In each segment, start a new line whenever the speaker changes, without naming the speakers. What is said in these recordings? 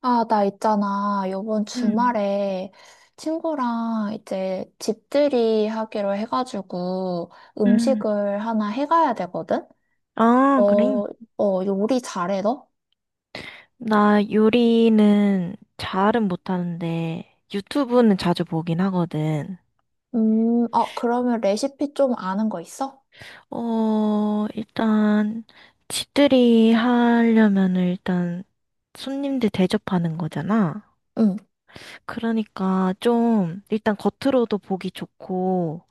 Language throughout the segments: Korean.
아, 나 있잖아. 요번
음,
주말에 친구랑 이제 집들이 하기로 해가지고
음.
음식을 하나 해가야 되거든? 어,
아, 그래.
요리 잘해, 너?
나 요리는 잘은 못하는데 유튜브는 자주 보긴 하거든.
그러면 레시피 좀 아는 거 있어?
일단 집들이 하려면은 일단 손님들 대접하는 거잖아.
응,
그러니까 좀 일단 겉으로도 보기 좋고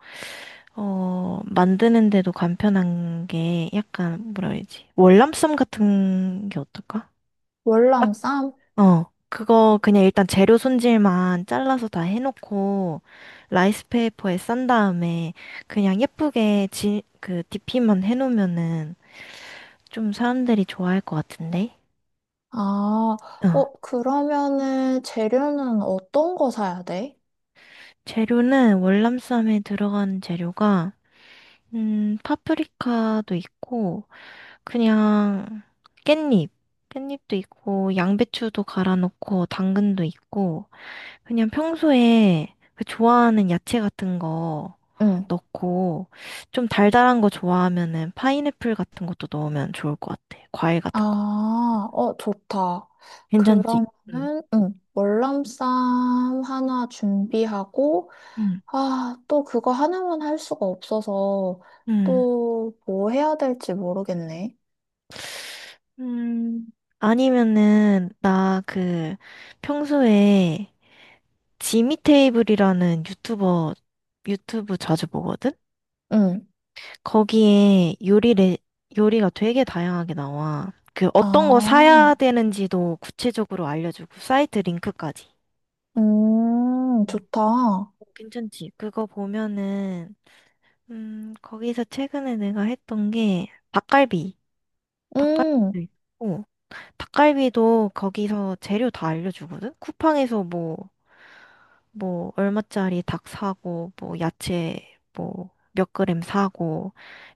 만드는데도 간편한 게 약간 뭐라 해야지? 월남쌈 같은 게 어떨까?
월남쌈?
그거 그냥 일단 재료 손질만 잘라서 다 해놓고 라이스페이퍼에 싼 다음에 그냥 예쁘게 그 디피만 해놓으면은 좀 사람들이 좋아할 것 같은데?
아,
어,
그러면은 재료는 어떤 거 사야 돼?
재료는 월남쌈에 들어가는 재료가 파프리카도 있고 그냥 깻잎, 깻잎도 있고 양배추도 갈아 넣고 당근도 있고 그냥 평소에 그 좋아하는 야채 같은 거
응.
넣고 좀 달달한 거 좋아하면은 파인애플 같은 것도 넣으면 좋을 것 같아. 과일 같은 거.
아, 좋다.
괜찮지? 응.
그러면은, 응, 월남쌈 하나 준비하고,
응.
아, 또 그거 하나만 할 수가 없어서,
응.
또 뭐 해야 될지 모르겠네.
음. 아니면은 나 그 평소에 지미 테이블이라는 유튜버 유튜브 자주 보거든?
응,
거기에 요리가 되게 다양하게 나와. 그 어떤 거 사야
아,
되는지도 구체적으로 알려주고 사이트 링크까지. 음.
좋다.
괜찮지? 그거 보면은 거기서 최근에 내가 했던 게 닭갈비.
음,
닭갈비도 있고 닭갈비도 거기서 재료 다 알려주거든. 쿠팡에서 뭐 뭐 얼마짜리 닭 사고 뭐 야채 뭐 몇 그램 사고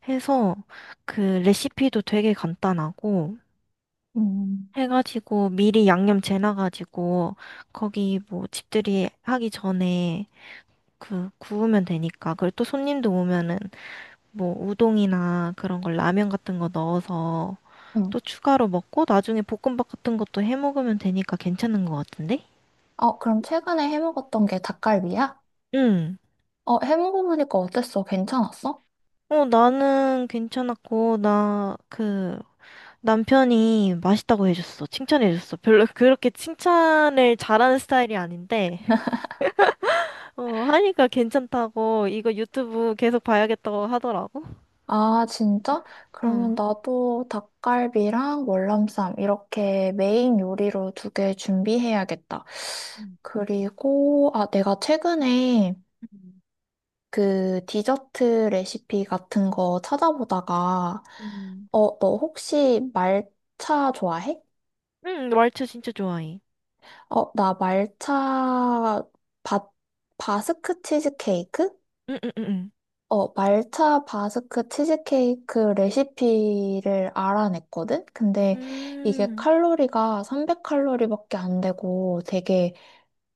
해서 그 레시피도 되게 간단하고
음,
해가지고 미리 양념 재놔가지고 거기 뭐 집들이 하기 전에 그 구우면 되니까 그리고 또 손님도 오면은 뭐 우동이나 그런 걸 라면 같은 거 넣어서
응.
또 추가로 먹고 나중에 볶음밥 같은 것도 해 먹으면 되니까 괜찮은 것 같은데?
그럼 최근에 해 먹었던 게 닭갈비야?
응.
해 먹어보니까 어땠어? 괜찮았어?
나는 괜찮았고 나 그 남편이 맛있다고 해줬어. 칭찬해줬어. 별로 그렇게 칭찬을 잘하는 스타일이 아닌데 하니까 괜찮다고 이거 유튜브 계속 봐야겠다고 하더라고.
아, 진짜? 그러면
응.
나도 닭갈비랑 월남쌈 이렇게 메인 요리로 두 개 준비해야겠다.
음,
그리고, 아, 내가 최근에
음,
그 디저트 레시피 같은 거 찾아보다가,
음.
너 혹시 말차 좋아해?
응, 왈츠 진짜 좋아해.
나 말차 바, 바스크 치즈케이크?
응, 응, 응,
말차 바스크 치즈케이크 레시피를 알아냈거든? 근데
응.
이게 칼로리가 300칼로리밖에 안 되고 되게,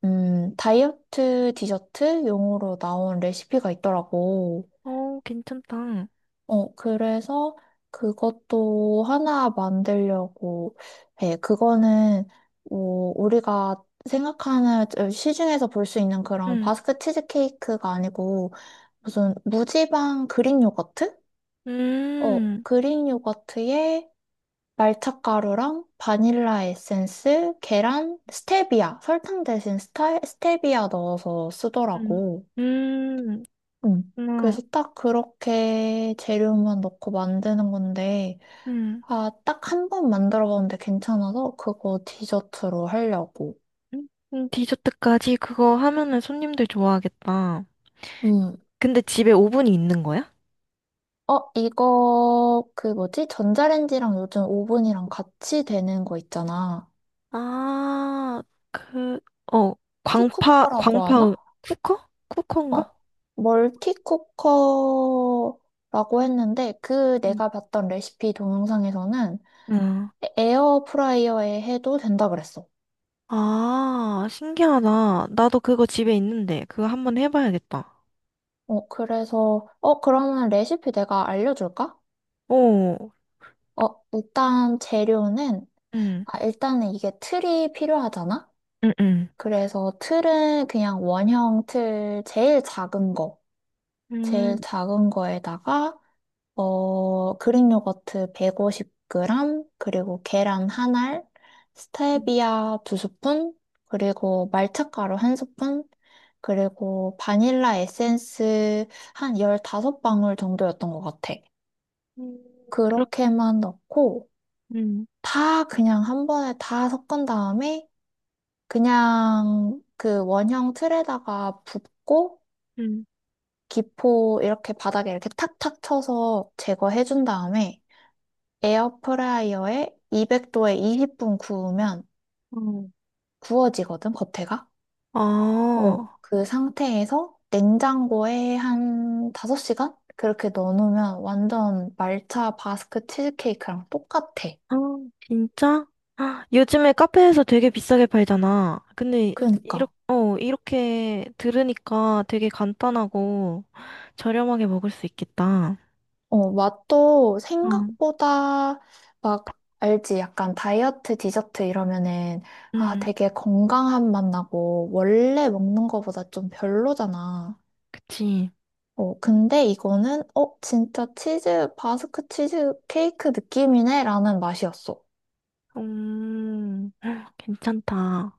다이어트 디저트 용으로 나온 레시피가 있더라고.
괜찮다.
그래서 그것도 하나 만들려고 해. 그거는, 뭐, 우리가 생각하는 시중에서 볼 수 있는 그런
응,
바스크 치즈케이크가 아니고 무슨 무지방 그릭 요거트?
음, 음.
그릭 요거트에 말차가루랑 바닐라 에센스, 계란, 스테비아, 설탕 대신 스테비아 넣어서
음,
쓰더라고. 응.
음,
그래서 딱 그렇게 재료만 넣고 만드는 건데,
음.
아, 딱 한 번 만들어 봤는데 괜찮아서 그거 디저트로 하려고.
디저트까지 그거 하면은 손님들 좋아하겠다.
음.
근데 집에 오븐이 있는 거야?
이거, 그 뭐지? 전자레인지랑 요즘 오븐이랑 같이 되는 거 있잖아.
아, 그, 어, 광파,
티쿠퍼라고 하나?
광파,
어,
쿠커인가?
멀티쿠커라고 했는데 그
응
내가 봤던 레시피 동영상에서는
응.
에어프라이어에 해도 된다 그랬어.
아, 신기하다. 나도 그거 집에 있는데, 그거 한번 해봐야겠다.
그래서 그러면 레시피 내가 알려줄까?
오,
일단 재료는
응,
아, 일단은 이게 틀이 필요하잖아.
응, 응.
그래서 틀은 그냥 원형 틀 제일 작은 거, 제일
음,
작은 거에다가 그릭 요거트 150g, 그리고 계란 한 알,
음,
스테비아 두 스푼, 그리고 말차가루 한 스푼, 그리고 바닐라 에센스 한 15방울 정도였던 것 같아.
음, 그렇,
그렇게만 넣고,
음,
다 그냥 한 번에 다 섞은 다음에, 그냥 그 원형 틀에다가 붓고,
음,
기포 이렇게 바닥에 이렇게 탁탁 쳐서 제거해준 다음에, 에어프라이어에 200도에 20분 구우면
어.
구워지거든, 겉에가.
아,
그 상태에서 냉장고에 한 5시간? 그렇게 넣어놓으면 완전 말차 바스크 치즈케이크랑 똑같아.
아, 진짜? 아, 요즘에 카페에서 되게 비싸게 팔잖아. 근데,
그러니까.
이렇게 들으니까 되게 간단하고 저렴하게 먹을 수 있겠다.
맛도
어.
생각보다 막, 알지? 약간 다이어트 디저트 이러면은, 아,
응,
되게 건강한 맛 나고, 원래 먹는 거보다 좀 별로잖아.
그치.
근데 이거는, 진짜 바스크 치즈 케이크 느낌이네? 라는 맛이었어.
음, 괜찮다.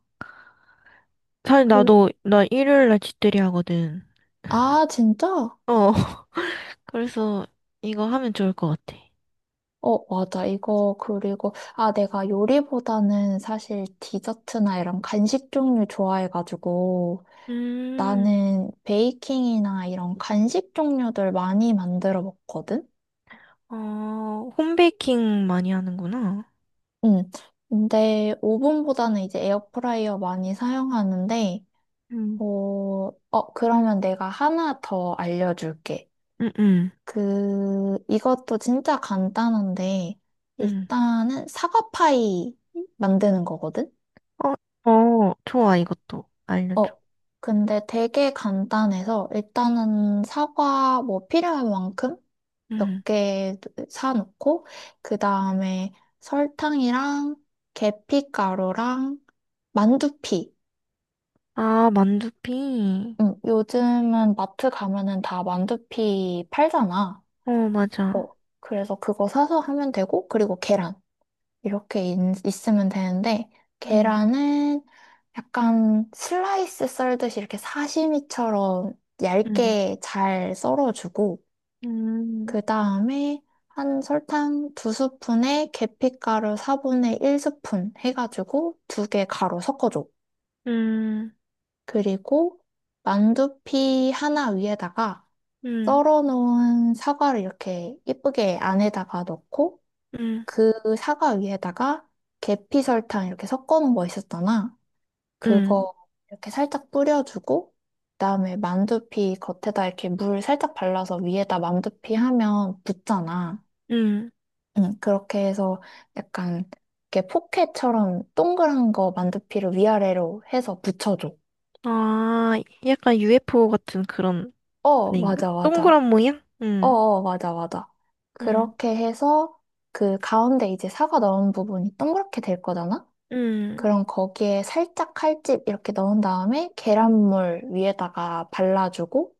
사실
그,
나도 나 일요일 날 집들이 하거든.
아, 진짜?
어, 그래서 이거 하면 좋을 것 같아.
맞아. 이거, 그리고, 아, 내가 요리보다는 사실 디저트나 이런 간식 종류 좋아해가지고,
음,
나는 베이킹이나 이런 간식 종류들 많이 만들어 먹거든?
홈베이킹 많이 하는구나.
음. 근데 오븐보다는 이제 에어프라이어 많이 사용하는데,
음,
어, 그러면 내가 하나 더 알려줄게.
음, 음,
이것도 진짜 간단한데,
음.
일단은 사과파이 만드는 거거든?
어, 어, 좋아, 이것도 알려줘.
어, 근데 되게 간단해서, 일단은 사과 뭐 필요한 만큼 몇
음.
개 사놓고, 그 다음에 설탕이랑 계피가루랑 만두피.
아, 만두피.
요즘은 마트 가면은 다 만두피 팔잖아.
어,
어,
맞아.
그래서 그거 사서 하면 되고, 그리고 계란. 이렇게 있으면 되는데,
음,
계란은 약간 슬라이스 썰듯이 이렇게 사시미처럼
음,
얇게 잘 썰어주고,
음,
그 다음에 한 설탕 두 스푼에 계피가루 4분의 1 스푼 해가지고 두 개 가루 섞어줘.
음,
그리고 만두피 하나 위에다가
음,
썰어놓은 사과를 이렇게 이쁘게 안에다가 넣고,
음,
그 사과 위에다가 계피 설탕 이렇게 섞어 놓은 거 있었잖아.
음,
그거 이렇게 살짝 뿌려주고, 그다음에 만두피 겉에다 이렇게 물 살짝 발라서 위에다 만두피 하면 붙잖아.
음.
응, 그렇게 해서 약간 이렇게 포켓처럼 동그란 거 만두피를 위아래로 해서 붙여줘.
아, 약간 UFO 같은 그런 아닌가?
맞아, 맞아.
동그란 모양?
맞아, 맞아.
음.
그렇게 해서 그 가운데 이제 사과 넣은 부분이 동그랗게 될 거잖아?
음,
그럼 거기에 살짝 칼집 이렇게 넣은 다음에 계란물 위에다가 발라주고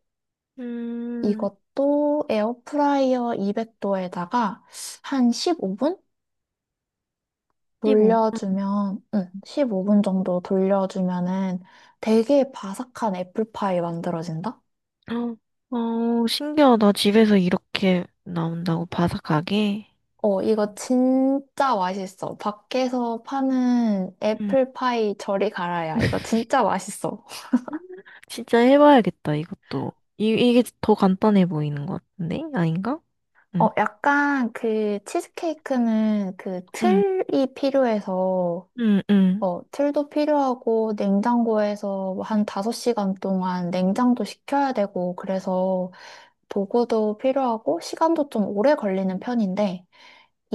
음,
이것도 에어프라이어 200도에다가 한 15분
15분.
돌려주면, 응, 15분 정도 돌려주면은 되게 바삭한 애플파이 만들어진다?
어, 어, 신기하다. 집에서 이렇게 나온다고 바삭하게.
이거 진짜 맛있어. 밖에서 파는
음,
애플파이 저리 가라야. 이거 진짜 맛있어.
진짜 해봐야겠다, 이것도. 이게 더 간단해 보이는 것 같은데? 아닌가? 응,
약간 그 치즈케이크는 그
응,
틀이 필요해서,
응, 응,
틀도 필요하고 냉장고에서 한 5시간 동안 냉장도 시켜야 되고, 그래서 도구도 필요하고, 시간도 좀 오래 걸리는 편인데,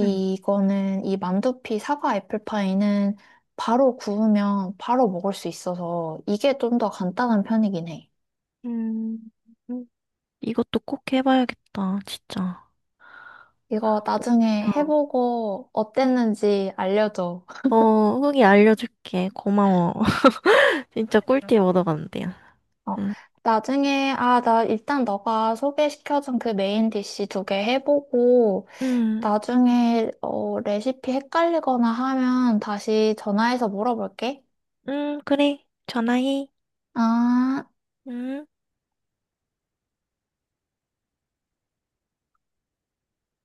응.
이 만두피 사과 애플파이는 바로 구우면 바로 먹을 수 있어서 이게 좀 더 간단한 편이긴 해.
음, 음. 이것도 꼭 해봐야겠다, 진짜.
이거 나중에
어,
해보고 어땠는지 알려줘.
어, 후기 알려줄게. 고마워. 진짜 꿀팁 얻어간대요.
어,
응,
나중에, 아, 나 일단 너가 소개시켜준 그 메인 디시 두 개 해보고,
응,
나중에, 레시피 헷갈리거나 하면 다시 전화해서 물어볼게.
응, 그래. 전화해.
아.
응.